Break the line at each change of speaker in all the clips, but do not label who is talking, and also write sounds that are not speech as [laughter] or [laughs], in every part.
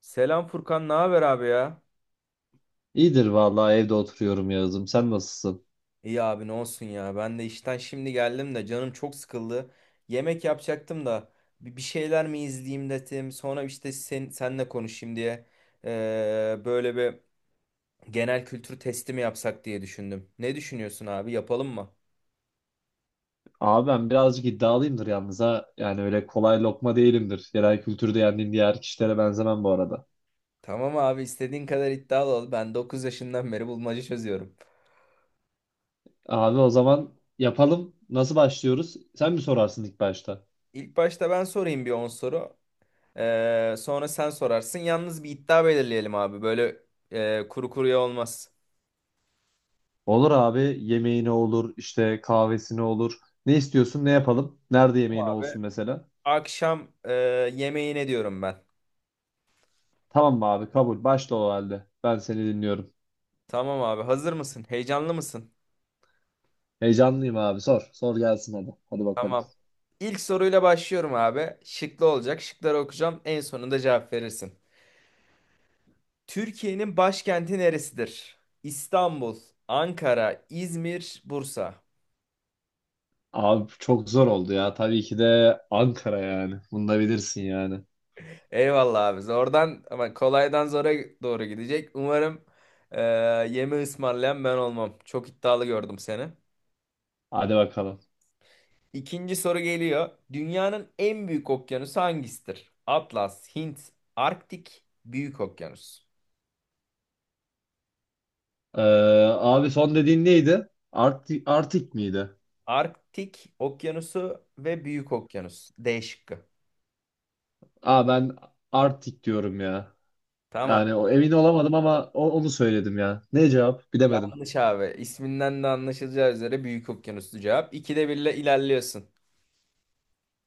Selam Furkan, ne haber abi ya?
İyidir vallahi evde oturuyorum Yağız'ım. Sen nasılsın?
İyi abi ne olsun ya. Ben de işten şimdi geldim de canım çok sıkıldı. Yemek yapacaktım da bir şeyler mi izleyeyim dedim. Sonra işte senle konuşayım diye böyle bir genel kültür testi mi yapsak diye düşündüm. Ne düşünüyorsun abi? Yapalım mı?
Abi ben birazcık iddialıyımdır yalnız ha. Yani öyle kolay lokma değilimdir. Genel kültürde yendiğim diğer kişilere benzemem bu arada.
Tamam abi, istediğin kadar iddialı ol. Ben 9 yaşından beri bulmaca çözüyorum.
Abi o zaman yapalım. Nasıl başlıyoruz? Sen mi sorarsın ilk başta?
İlk başta ben sorayım bir 10 soru. Sonra sen sorarsın. Yalnız bir iddia belirleyelim abi. Böyle kuru kuruya olmaz.
Olur abi. Yemeğine olur, işte kahvesine olur. Ne istiyorsun, ne yapalım? Nerede
Tamam
yemeğine
abi.
olsun mesela?
Akşam yemeğine diyorum ben.
Tamam mı abi? Kabul. Başla o halde. Ben seni dinliyorum.
Tamam abi. Hazır mısın? Heyecanlı mısın?
Heyecanlıyım abi. Sor. Sor gelsin hadi. Hadi bakalım.
Tamam. İlk soruyla başlıyorum abi. Şıklı olacak. Şıkları okuyacağım. En sonunda cevap verirsin. Türkiye'nin başkenti neresidir? İstanbul, Ankara, İzmir, Bursa.
Abi çok zor oldu ya. Tabii ki de Ankara yani. Bunu da bilirsin yani.
Eyvallah abi. Zordan ama kolaydan zora doğru gidecek. Umarım e, yeme ısmarlayan ben olmam. Çok iddialı gördüm seni.
Hadi bakalım.
İkinci soru geliyor. Dünyanın en büyük okyanusu hangisidir? Atlas, Hint, Arktik, Büyük Okyanus.
Ee, Abi son dediğin neydi? Artik Artik miydi?
Arktik Okyanusu ve Büyük Okyanus. D şıkkı.
Aa ben Artik diyorum ya.
Tamam.
Yani o emin olamadım ama onu söyledim ya. Ne cevap? Bilemedim.
Yanlış abi. İsminden de anlaşılacağı üzere Büyük Okyanus'lu cevap. İkide birle ilerliyorsun.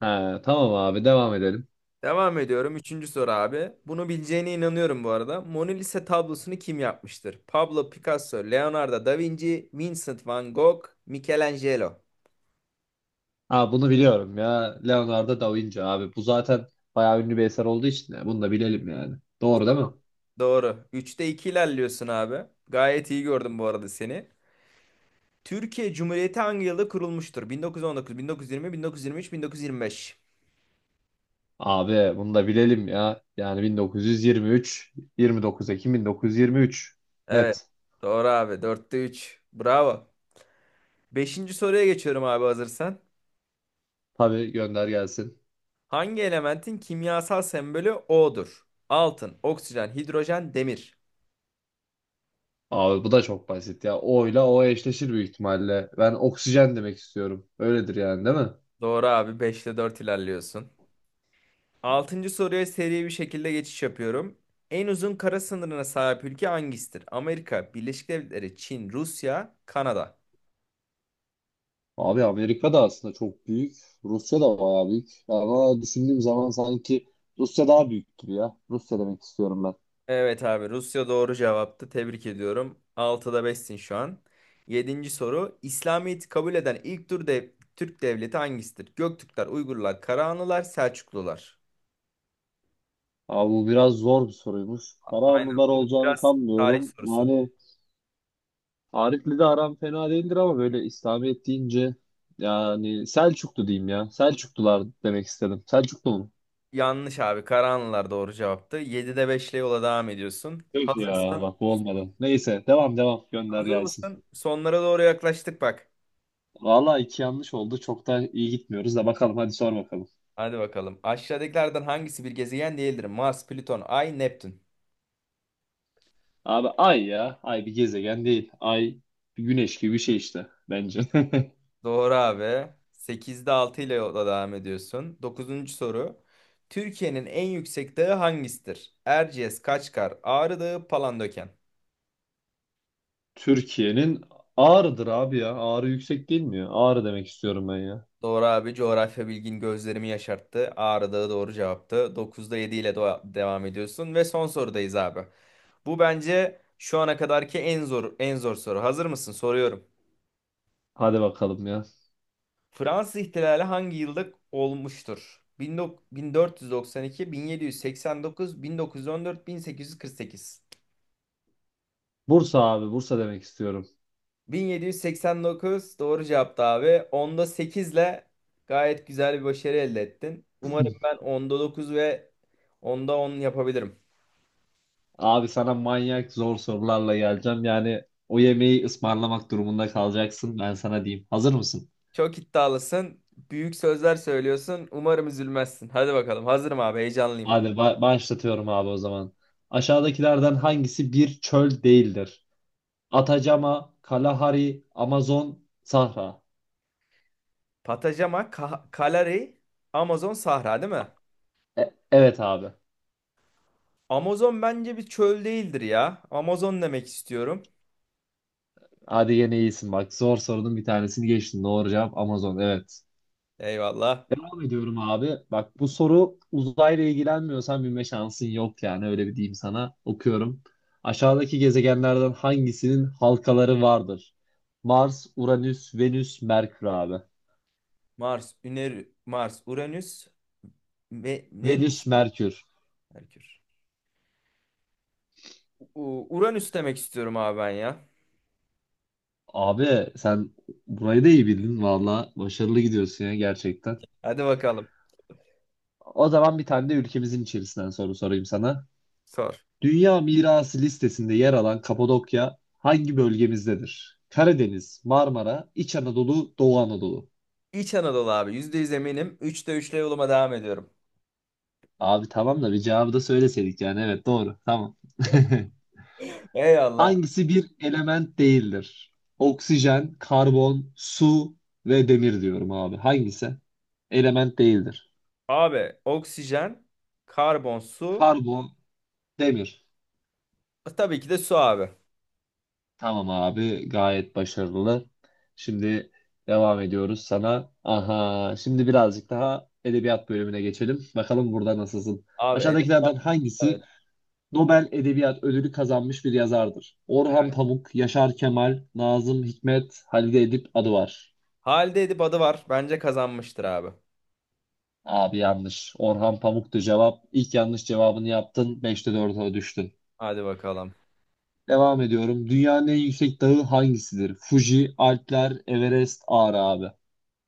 He, tamam abi devam edelim.
Devam ediyorum. Üçüncü soru abi. Bunu bileceğine inanıyorum bu arada. Mona Lisa tablosunu kim yapmıştır? Pablo Picasso, Leonardo da Vinci, Vincent van Gogh, Michelangelo.
Ha bunu biliyorum ya. Leonardo da Vinci abi. Bu zaten bayağı ünlü bir eser olduğu için ya, bunu da bilelim yani. Doğru değil mi?
Doğru. Üçte 2 ilerliyorsun abi. Gayet iyi gördüm bu arada seni. Türkiye Cumhuriyeti hangi yılda kurulmuştur? 1919, 1920, 1923, 1925.
Abi bunu da bilelim ya. Yani 1923, 29 Ekim 1923.
Evet.
Net.
Doğru abi. Dörtte 3. Bravo. Beşinci soruya geçiyorum abi, hazırsan.
Tabii gönder gelsin.
Hangi elementin kimyasal sembolü O'dur? Altın, oksijen, hidrojen, demir.
Abi bu da çok basit ya. O ile O eşleşir büyük ihtimalle. Ben oksijen demek istiyorum. Öyledir yani değil mi?
Doğru abi. Beşte 4 ilerliyorsun. Altıncı soruya seri bir şekilde geçiş yapıyorum. En uzun kara sınırına sahip ülke hangisidir? Amerika, Birleşik Devletleri, Çin, Rusya, Kanada.
Abi Amerika da aslında çok büyük. Rusya da bayağı büyük. Ama düşündüğüm zaman sanki Rusya daha büyük gibi ya. Rusya demek istiyorum ben.
Evet abi, Rusya doğru cevaptı. Tebrik ediyorum. Altıda 5'sin şu an. Yedinci soru. İslamiyet'i kabul eden ilk Türk devleti hangisidir? Göktürkler, Uygurlar, Karahanlılar, Selçuklular.
Abi bu biraz zor bir soruymuş. Kara
Aynen,
anılar
bu
olacağını
biraz tarih
sanmıyorum.
sorusu.
Yani Arif'le de aram fena değildir ama böyle İslamiyet deyince yani Selçuklu diyeyim ya. Selçuklular demek istedim. Selçuklu mu?
Yanlış abi, Karahanlılar doğru cevaptı. 7'de beşle yola devam ediyorsun.
Öf ya
Hazırsın.
bak bu olmadı. Neyse devam devam gönder
Hazır
gelsin.
mısın? Sonlara doğru yaklaştık bak.
Valla iki yanlış oldu. Çok da iyi gitmiyoruz da bakalım hadi sor bakalım.
Hadi bakalım. Aşağıdakilerden hangisi bir gezegen değildir? Mars, Plüton, Ay, Neptün.
Abi ay ya. Ay bir gezegen değil. Ay bir güneş gibi bir şey işte bence.
Doğru abi. Sekizde 6 ile yola devam ediyorsun. Dokuzuncu soru. Türkiye'nin en yüksek dağı hangisidir? Erciyes, Kaçkar, Ağrı Dağı, Palandöken.
[laughs] Türkiye'nin Ağrı'dır abi ya. Ağrı yüksek değil mi ya? Ağrı demek istiyorum ben ya.
Doğru abi. Coğrafya bilgin gözlerimi yaşarttı. Ağrı Dağı doğru cevaptı. Dokuzda 7 ile devam ediyorsun. Ve son sorudayız abi. Bu bence şu ana kadarki en zor en zor soru. Hazır mısın? Soruyorum.
Hadi bakalım ya.
Fransız ihtilali hangi yılda olmuştur? 1492, 1789, 1914, 1848.
Bursa abi Bursa demek istiyorum.
1789 doğru cevaptı abi. Onda 8 ile gayet güzel bir başarı elde ettin. Umarım
[clears throat]
ben onda 9 ve onda 10 yapabilirim.
Abi sana manyak zor sorularla geleceğim. Yani o yemeği ısmarlamak durumunda kalacaksın. Ben sana diyeyim. Hazır mısın?
Çok iddialısın. Büyük sözler söylüyorsun. Umarım üzülmezsin. Hadi bakalım. Hazırım abi. Heyecanlıyım.
Hadi başlatıyorum abi o zaman. Aşağıdakilerden hangisi bir çöl değildir? Atacama, Kalahari, Amazon, Sahra.
Patajama, Kalari, Amazon, Sahra değil mi?
Evet abi.
Amazon bence bir çöl değildir ya. Amazon demek istiyorum.
Hadi yine iyisin bak. Zor sorunun bir tanesini geçtin. Doğru cevap Amazon. Evet.
Eyvallah.
Devam ediyorum abi. Bak bu soru uzayla ilgilenmiyorsan bilme şansın yok yani öyle bir diyeyim sana. Okuyorum. Aşağıdaki gezegenlerden hangisinin halkaları vardır? Mars, Uranüs, Venüs, Merkür abi.
Mars, Uranüs, Venüs,
Venüs, Merkür.
Merkür. Uranüs demek istiyorum abi ben ya.
Abi sen burayı da iyi bildin valla. Başarılı gidiyorsun ya gerçekten.
Hadi bakalım.
O zaman bir tane de ülkemizin içerisinden soru sorayım sana.
Sor.
Dünya Mirası listesinde yer alan Kapadokya hangi bölgemizdedir? Karadeniz, Marmara, İç Anadolu, Doğu Anadolu.
İç Anadolu abi. %100 eminim. Üçte üçle yoluma devam ediyorum.
Abi tamam da bir cevabı da söyleseydik yani. Evet doğru. Tamam. [laughs]
[laughs] Eyvallah.
Hangisi bir element değildir? Oksijen, karbon, su ve demir diyorum abi. Hangisi? Element değildir.
Abi oksijen, karbon, su.
Karbon, demir.
Tabii ki de su abi.
Tamam abi gayet başarılı. Şimdi devam ediyoruz sana. Aha şimdi birazcık daha edebiyat bölümüne geçelim. Bakalım burada nasılsın?
Abi edebiyat.
Aşağıdakilerden
Evet.
hangisi Nobel Edebiyat Ödülü kazanmış bir yazardır. Orhan Pamuk, Yaşar Kemal, Nazım Hikmet, Halide Edip adı var.
Halide Edip adı var. Bence kazanmıştır abi.
Abi yanlış. Orhan Pamuk'tu cevap. İlk yanlış cevabını yaptın. Beşte 4'e düştün.
Hadi bakalım.
Devam ediyorum. Dünyanın en yüksek dağı hangisidir? Fuji, Alpler, Everest, Ağrı abi.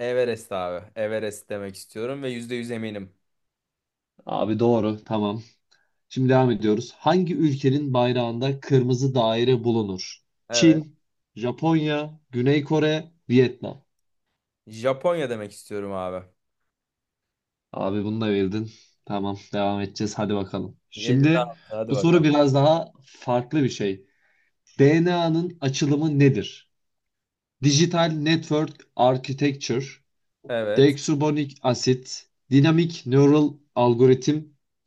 Everest abi. Everest demek istiyorum ve %100 eminim.
Abi doğru. Tamam. Şimdi devam ediyoruz. Hangi ülkenin bayrağında kırmızı daire bulunur?
Evet.
Çin, Japonya, Güney Kore, Vietnam.
Japonya demek istiyorum abi.
Abi bunu da bildin. Tamam devam edeceğiz. Hadi bakalım.
7
Şimdi
daha. Hadi
bu soru
bakalım.
biraz daha farklı bir şey. DNA'nın açılımı nedir? Digital Network Architecture,
Evet.
Deoxyribonucleic Acid, Dynamic Neural Algorithm,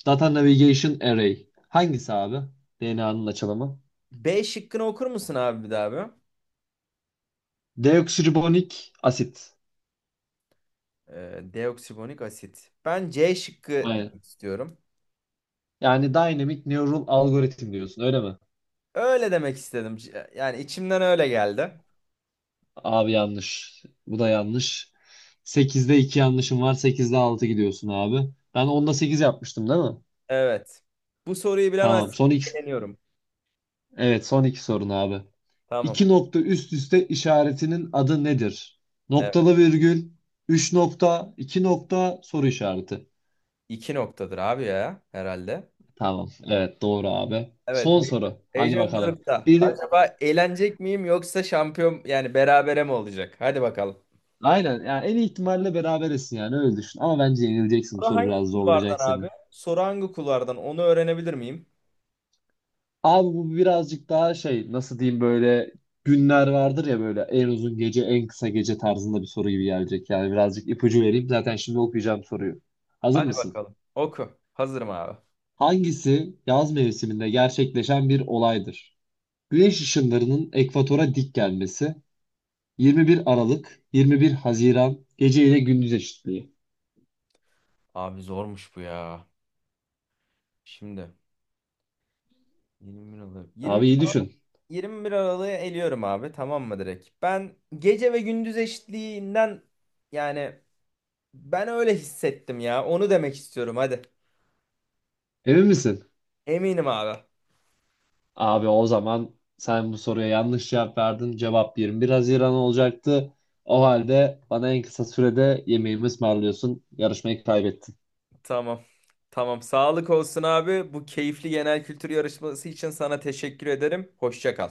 Data Navigation Array. Hangisi abi? DNA'nın açılımı.
B şıkkını okur musun abi bir daha abi?
Deoxyribonucleic Acid.
Deoksiribonik asit. Ben C şıkkı
Aynen.
demek istiyorum.
Yani Dynamic Neural Algorithm diyorsun öyle mi?
Öyle demek istedim. Yani içimden öyle geldi.
Abi yanlış. Bu da yanlış. Sekizde 2 yanlışım var. Sekizde 6 gidiyorsun abi. Ben onda 8 yapmıştım değil mi?
Evet. Bu soruyu
Tamam. Son
bilemezsem
iki,
eleniyorum.
evet son iki sorun abi.
Tamam.
İki nokta üst üste işaretinin adı nedir?
Evet.
Noktalı virgül, üç nokta, 2 nokta, soru işareti.
İki noktadır abi ya, herhalde.
Tamam. Evet doğru abi.
Evet,
Son soru. Hadi bakalım.
heyecanlanıp da.
Bir
Acaba eğlenecek miyim, yoksa şampiyon yani berabere mi olacak? Hadi bakalım.
aynen yani en iyi ihtimalle berabersin yani öyle düşün. Ama bence yenileceksin. Bu
Soru
soru
hangi
biraz zorlayacak
kulvardan
seni.
abi? Soru hangi kulvardan? Onu öğrenebilir miyim?
Abi bu birazcık daha şey nasıl diyeyim böyle günler vardır ya böyle en uzun gece en kısa gece tarzında bir soru gibi gelecek. Yani birazcık ipucu vereyim zaten şimdi okuyacağım soruyu. Hazır
Hadi
mısın?
bakalım. Oku. Hazırım abi.
Hangisi yaz mevsiminde gerçekleşen bir olaydır? Güneş ışınlarının ekvatora dik gelmesi, 21 Aralık, 21 Haziran, gece ile gündüz eşitliği.
Abi zormuş bu ya. Şimdi 21 Aralık.
Abi iyi düşün.
21 Aralık'ı eliyorum abi. Tamam mı, direkt? Ben gece ve gündüz eşitliğinden, yani ben öyle hissettim ya. Onu demek istiyorum, hadi.
Emin misin?
Eminim abi.
Abi o zaman sen bu soruya yanlış cevap verdin. Cevap 21 Haziran olacaktı. O halde bana en kısa sürede yemeğimi ısmarlıyorsun. Yarışmayı kaybettin.
Tamam. Tamam. Sağlık olsun abi. Bu keyifli genel kültür yarışması için sana teşekkür ederim. Hoşça kal.